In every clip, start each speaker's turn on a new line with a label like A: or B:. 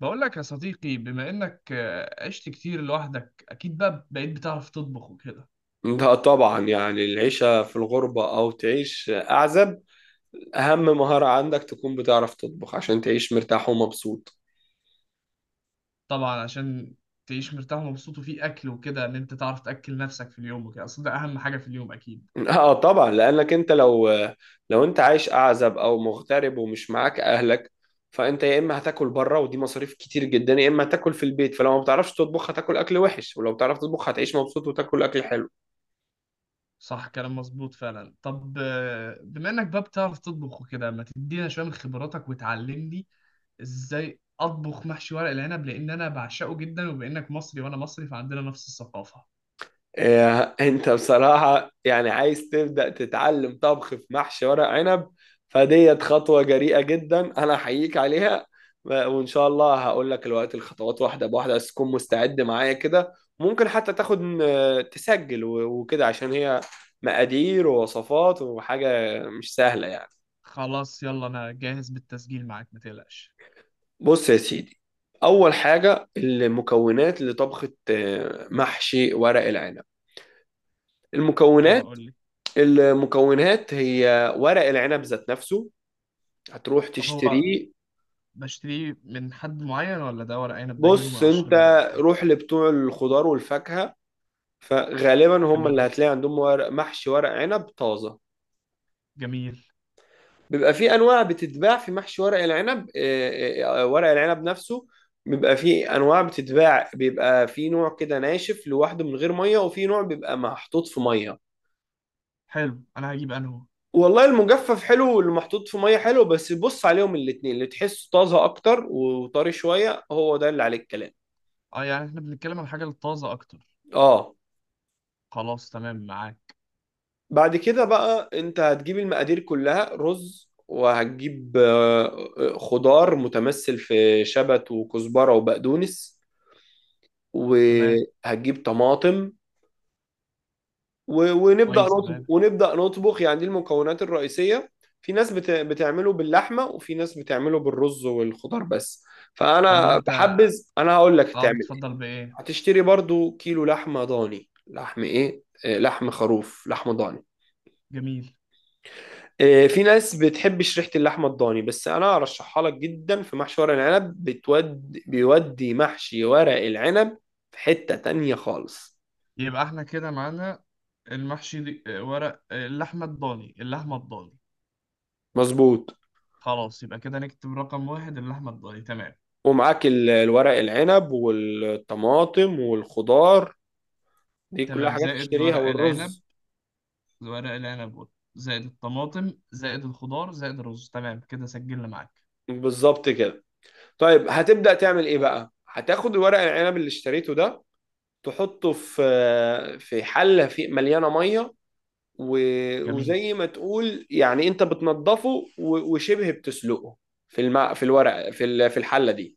A: بقول لك يا صديقي بما انك عشت كتير لوحدك اكيد بقى بقيت بتعرف تطبخ وكده.
B: ده طبعا يعني العيشة في الغربة أو تعيش أعزب، أهم مهارة عندك تكون بتعرف تطبخ عشان تعيش مرتاح ومبسوط.
A: طبعا عشان تعيش مرتاح ومبسوط وفي اكل وكده ان انت تعرف تاكل نفسك في اليوم وكده، اصل ده اهم حاجه في اليوم اكيد.
B: اه طبعا، لأنك أنت لو أنت عايش أعزب أو مغترب ومش معاك أهلك، فأنت يا إما هتاكل بره ودي مصاريف كتير جدا، يا إما هتاكل في البيت. فلو ما بتعرفش تطبخ هتاكل أكل وحش، ولو بتعرف تطبخ هتعيش مبسوط وتاكل أكل حلو.
A: صح، كلام مظبوط فعلا. طب بما انك بقى بتعرف تطبخ وكده، ما تدينا شويه من خبراتك وتعلمني ازاي اطبخ محشي ورق العنب، لان انا بعشقه جدا، وبانك مصري وانا مصري فعندنا نفس الثقافه.
B: إيه، انت بصراحة يعني عايز تبدأ تتعلم طبخ في محشي ورق عنب؟ فديت خطوة جريئة جدا انا احييك عليها. وان شاء الله هقول لك الوقت الخطوات واحدة بواحدة، بس تكون مستعد معايا كده. ممكن حتى تاخد تسجل وكده، عشان هي مقادير ووصفات وحاجة مش سهلة يعني.
A: خلاص يلا انا جاهز بالتسجيل معاك، ما تقلقش.
B: بص يا سيدي، اول حاجة المكونات لطبخة محشي ورق العنب.
A: ايوه
B: المكونات،
A: قول لي.
B: المكونات هي ورق العنب ذات نفسه، هتروح
A: طب هو
B: تشتريه.
A: بشتريه من حد معين، ولا ده ورق عنب ده اجيبه من
B: بص انت،
A: 10 جرة، ولا ايه؟
B: روح لبتوع الخضار والفاكهة، فغالبا هم اللي
A: جميل
B: هتلاقي عندهم ورق محشي ورق عنب طازة.
A: جميل.
B: بيبقى في انواع بتتباع في محشي ورق العنب، ورق العنب نفسه بيبقى في انواع بتتباع، بيبقى في نوع كده ناشف لوحده من غير ميه، وفي نوع بيبقى محطوط في ميه.
A: حلو انا هجيب انهو.
B: والله المجفف حلو، واللي محطوط في ميه حلو، بس بص عليهم الاتنين اللي تحسه طازه اكتر وطري شويه هو ده اللي عليه الكلام.
A: اه يعني احنا بنتكلم عن الحاجة الطازة اكتر.
B: اه.
A: خلاص تمام معاك.
B: بعد كده بقى انت هتجيب المقادير كلها، رز، وهتجيب خضار متمثل في شبت وكزبره وبقدونس،
A: تمام.
B: وهتجيب طماطم، ونبدأ
A: كويس تمام.
B: نطبخ يعني دي المكونات الرئيسية. في ناس بتعمله باللحمة، وفي ناس بتعمله بالرز والخضار بس،
A: طب
B: فأنا
A: وانت
B: بحبذ، أنا هقول لك
A: اه
B: تعمل إيه.
A: بتفضل بايه؟
B: هتشتري برضو كيلو لحمة ضاني، لحم إيه، لحم خروف، لحمة ضاني.
A: جميل.
B: في ناس بتحبش ريحة اللحمة الضاني، بس أنا أرشحها لك جدا في محشي ورق العنب، بيودي محشي ورق العنب في حتة تانية خالص.
A: يبقى احنا كده معانا المحشي دي، ورق، اللحمة الضاني، اللحمة الضاني.
B: مظبوط.
A: خلاص يبقى كده نكتب رقم واحد اللحمة الضاني، تمام.
B: ومعاك الورق العنب والطماطم والخضار، دي كلها
A: تمام،
B: حاجات
A: زائد
B: تشتريها،
A: ورق العنب،
B: والرز.
A: ورق العنب، زائد الطماطم، زائد الخضار، زائد الرز، تمام كده سجلنا معاك.
B: بالظبط كده. طيب هتبدأ تعمل ايه بقى؟ هتاخد الورق العنب اللي اشتريته ده، تحطه في في حلة في مليانة مية،
A: جميل.
B: وزي ما تقول يعني انت بتنضفه، وشبه بتسلقه في الماء، في الورق، في في الحلة دي،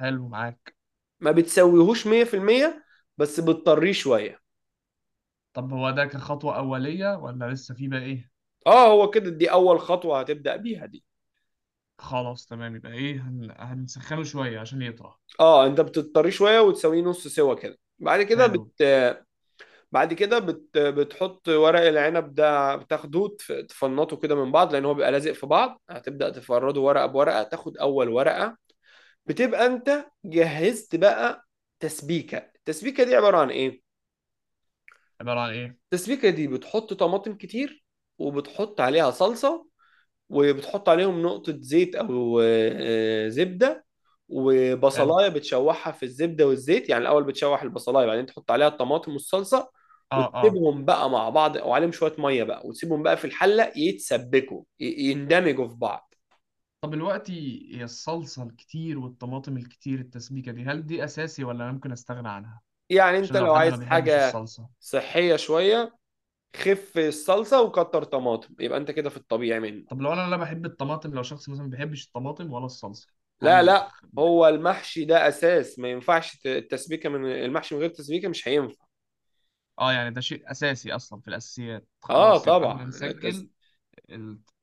A: حلو معاك.
B: ما بتسويهوش 100%، بس بتطريه شوية.
A: طب هو ده كخطوة أولية، ولا لسه في بقى إيه؟
B: اه هو كده، دي اول خطوة هتبدأ بيها دي.
A: خلاص تمام. يبقى إيه هنسخنه شوية عشان يطرى.
B: اه، انت بتضطريه شويه وتسويه نص سوا كده.
A: حلو.
B: بعد كده بتحط ورق العنب ده، بتاخده تفنطه كده من بعض لان هو بيبقى لازق في بعض، هتبدأ تفرده ورقه بورقه، تاخد اول ورقه. بتبقى انت جهزت بقى تسبيكه. التسبيكه دي عباره عن ايه؟
A: عبارة عن إيه؟
B: التسبيكه دي بتحط طماطم كتير، وبتحط عليها صلصه، وبتحط عليهم نقطه زيت او زبده،
A: حلو.
B: وبصلايه بتشوحها في الزبده والزيت، يعني الاول بتشوح البصلايه، بعدين تحط عليها الطماطم والصلصه،
A: آه آه.
B: وتسيبهم بقى مع بعض وعليهم شويه ميه بقى، وتسيبهم بقى في الحله يتسبكوا يندمجوا في بعض.
A: طب دلوقتي هي الصلصة الكتير والطماطم الكتير التسبيكة دي، هل دي أساسي ولا أنا ممكن أستغنى عنها؟
B: يعني انت
A: عشان لو
B: لو
A: حد ما
B: عايز
A: بيحبش
B: حاجه
A: الصلصة.
B: صحيه شويه، خف الصلصه وكتر طماطم، يبقى انت كده في الطبيعي منه.
A: طب لو أنا لا بحب الطماطم، لو شخص مثلا ما بيحبش الطماطم ولا الصلصة،
B: لا
A: هل؟
B: لا، هو المحشي ده اساس ما ينفعش التسبيكه، من المحشي من غير تسبيكه مش هينفع.
A: آه، يعني ده شيء أساسي أصلا في الأساسيات.
B: اه
A: خلاص يبقى إحنا
B: طبعا،
A: نسجل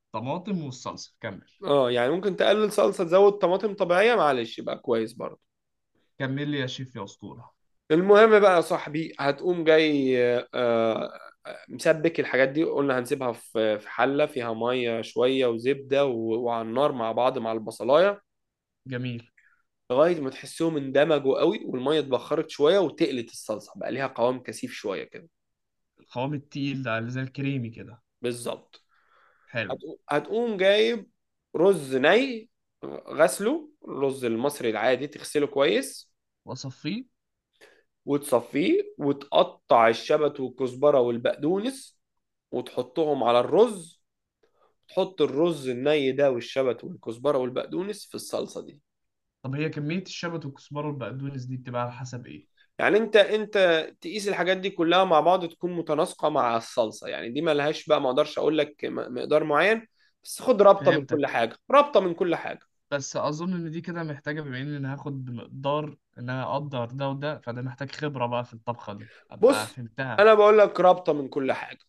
A: الطماطم والصلصة، كمل.
B: اه يعني ممكن تقلل صلصه تزود طماطم طبيعيه، معلش يبقى كويس برضه.
A: كمل لي يا شيف يا أسطورة.
B: المهم بقى يا صاحبي، هتقوم جاي مسبك الحاجات دي، قلنا هنسيبها في في حلة فيها مية شوية وزبدة وعلى النار مع بعض، مع البصلاية،
A: جميل.
B: لغاية ما تحسهم اندمجوا قوي والمية اتبخرت شوية وتقلت الصلصة بقى ليها قوام كثيف شوية كده.
A: القوام التقيل ده اللي زي الكريمي كده.
B: بالظبط.
A: حلو.
B: هتقوم جايب رز ني، غسله، الرز المصري العادي تغسله كويس،
A: وأصفيه.
B: وتصفيه، وتقطع الشبت والكزبرة والبقدونس، وتحطهم على الرز، تحط الرز الني ده والشبت والكزبره والبقدونس في الصلصه دي.
A: طب هي كمية الشبت والكزبرة والبقدونس دي بتبقى على حسب إيه؟
B: يعني انت تقيس الحاجات دي كلها مع بعض تكون متناسقه مع الصلصه، يعني دي ملهاش بقى، ما اقدرش اقول لك مقدار معين، بس خد رابطه من كل
A: فهمتك.
B: حاجه، رابطه من كل حاجه.
A: بس أظن إن دي كده محتاجة، بما إن أنا هاخد بمقدار إن أنا أقدر ده وده، فده محتاج خبرة بقى في الطبخة دي أبقى
B: بص
A: فهمتها.
B: انا بقول لك رابطه من كل حاجه،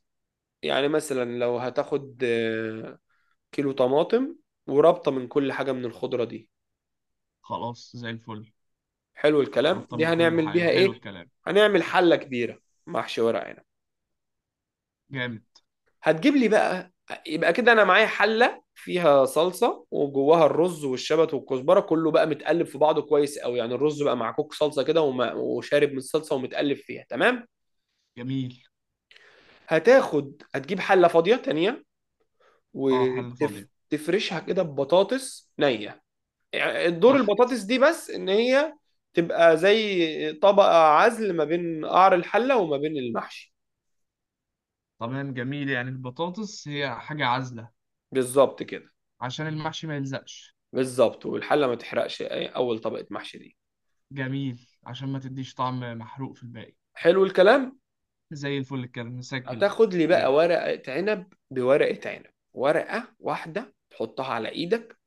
B: يعني مثلا لو هتاخد كيلو طماطم، ورابطه من كل حاجه من الخضره دي.
A: خلاص زي الفل.
B: حلو الكلام،
A: قربت
B: دي
A: من كل
B: هنعمل
A: حاجة،
B: بيها
A: حلو
B: ايه؟
A: الكلام.
B: هنعمل حله كبيره محشي ورق عنب.
A: جامد.
B: هتجيب لي بقى، يبقى كده انا معايا حله فيها صلصه وجواها الرز والشبت والكزبره، كله بقى متقلب في بعضه كويس قوي، يعني الرز بقى مع كوك صلصه كده وشارب من الصلصه ومتقلب فيها تمام.
A: جميل.
B: هتاخد هتجيب حله فاضيه تانية،
A: أه، حل فاضية.
B: وتفرشها كده ببطاطس نيه، يعني دور
A: تحت.
B: البطاطس دي بس ان هي تبقى زي طبقه عزل ما بين قعر الحله وما بين المحشي.
A: تمام جميل، يعني البطاطس هي حاجة عازلة
B: بالظبط كده.
A: عشان المحشي ما يلزقش.
B: بالظبط، والحله ما تحرقش اول طبقه محشي دي.
A: جميل، عشان ما تديش طعم محروق في الباقي.
B: حلو الكلام.
A: زي الفل، كده نسجل بقى.
B: هتاخد لي بقى
A: ايوه.
B: ورقة عنب بورقة عنب، ورقة واحدة تحطها على ايدك،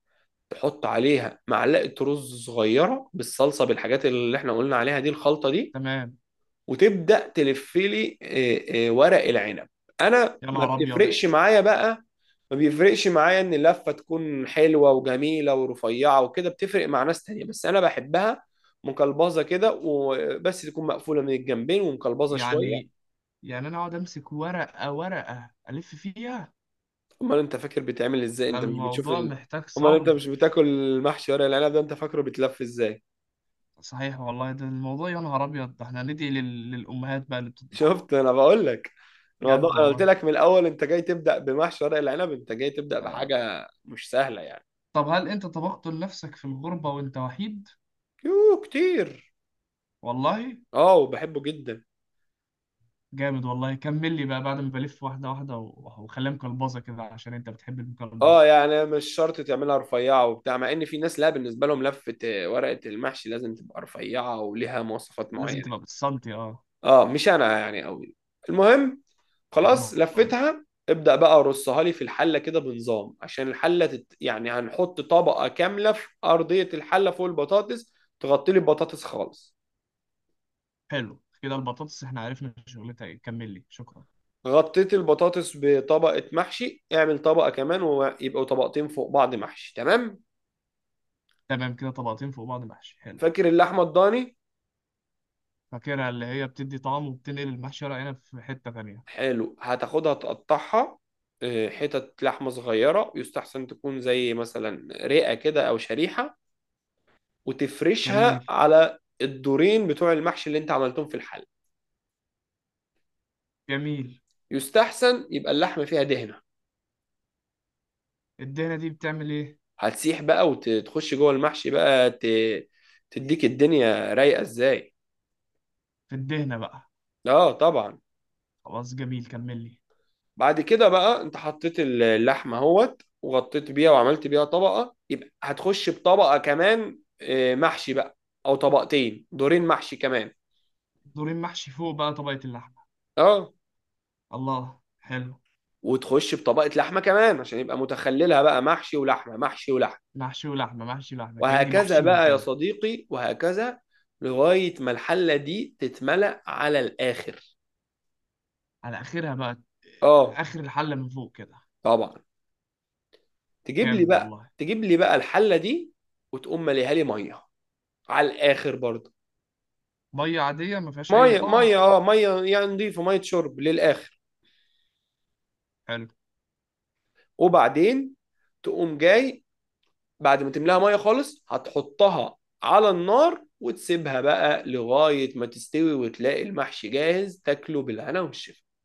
B: تحط عليها معلقة رز صغيرة بالصلصة، بالحاجات اللي احنا قلنا عليها دي، الخلطة دي،
A: تمام.
B: وتبدأ تلف لي ورق العنب. انا
A: يا
B: ما
A: نهار ابيض.
B: بتفرقش معايا بقى، ما بيفرقش معايا ان اللفة تكون حلوة وجميلة ورفيعة وكده، بتفرق مع ناس تانية بس انا بحبها مقلبظة كده، وبس تكون مقفولة من الجنبين ومقلبظة
A: يعني
B: شوية.
A: يعني انا اقعد امسك ورقه ورقه الف فيها؟
B: امال انت فاكر بيتعمل ازاي؟
A: ده
B: انت مش بتشوف
A: الموضوع محتاج
B: امال انت مش
A: صبر.
B: بتاكل المحشي ورق العنب ده؟ انت فاكره بيتلف ازاي؟
A: صحيح والله، ده الموضوع يا نهار ابيض، ده احنا ندعي للامهات بقى اللي بتطبخ.
B: شفت، انا بقول لك، الموضوع،
A: جد
B: انا قلت
A: والله.
B: لك من الاول انت جاي تبدا بمحشي ورق العنب، انت جاي تبدا
A: آه.
B: بحاجه مش سهله يعني.
A: طب هل انت طبخت لنفسك في الغربه وانت وحيد؟
B: يوه كتير،
A: والله.
B: اه وبحبه جدا.
A: جامد والله، كمل لي بقى بعد ما بلف واحده واحده وخليها مقلبظه كده عشان انت بتحب
B: اه
A: المقلبظ.
B: يعني مش شرط تعملها رفيعه وبتاع، مع ان في ناس لا بالنسبه لهم لفه ورقه المحشي لازم تبقى رفيعه وليها مواصفات
A: لازم
B: معينه.
A: تبقى بالسنتي اه.
B: اه مش انا يعني قوي. المهم، خلاص
A: المهم.
B: لفتها، ابدأ بقى رصها لي في الحلة كده بنظام، عشان الحلة يعني هنحط طبقة كاملة في أرضية الحلة فوق البطاطس، تغطي لي البطاطس خالص.
A: حلو كده، البطاطس احنا عرفنا شغلتها ايه، كمل لي، شكرا.
B: غطيت البطاطس بطبقة محشي، اعمل طبقة كمان ويبقوا طبقتين فوق بعض محشي، تمام.
A: تمام كده طبقتين فوق بعض محشي، حلو.
B: فاكر اللحمة الضاني؟
A: فاكرها اللي هي بتدي طعم وبتنقل المحشي ورق عنب في حتة تانية.
B: حلو، هتاخدها تقطعها اه، حتت لحمة صغيرة، يستحسن تكون زي مثلا رئة كده أو شريحة، وتفرشها
A: جميل
B: على الدورين بتوع المحشي اللي انت عملتهم في الحلة.
A: جميل.
B: يستحسن يبقى اللحمه فيها دهنه،
A: الدهنة دي بتعمل ايه؟
B: هتسيح بقى وتخش جوه المحشي بقى، تديك الدنيا رايقه ازاي.
A: في الدهنة بقى.
B: اه طبعا.
A: خلاص جميل، كمل لي.
B: بعد كده بقى انت حطيت اللحمه اهوت وغطيت بيها وعملت بيها طبقه، يبقى هتخش بطبقه كمان محشي بقى، او طبقتين دورين محشي كمان.
A: دورين محشي فوق بقى طبقة اللحمة.
B: اه،
A: الله، حلو.
B: وتخش بطبقه لحمه كمان عشان يبقى متخللها بقى محشي ولحمه محشي ولحمه،
A: محشي ولحمة، محشي ولحمة، كأني
B: وهكذا
A: بحشيهم
B: بقى يا
A: كده.
B: صديقي وهكذا، لغايه ما الحله دي تتملأ على الاخر.
A: على آخرها بقى،
B: اه
A: آخر الحلة من فوق كده.
B: طبعا. تجيب لي
A: جامد
B: بقى،
A: والله.
B: تجيب لي بقى الحله دي، وتقوم مليها لي ميه على الاخر برضه.
A: مية عادية ما فيهاش أي
B: ميه
A: طعم.
B: ميه، اه ميه يعني نضيفه، ميه شرب للاخر.
A: حلو.
B: وبعدين تقوم جاي، بعد ما تملاها ميه خالص هتحطها على النار، وتسيبها بقى لغايه ما تستوي وتلاقي المحشي جاهز، تاكله بالهنا والشفا.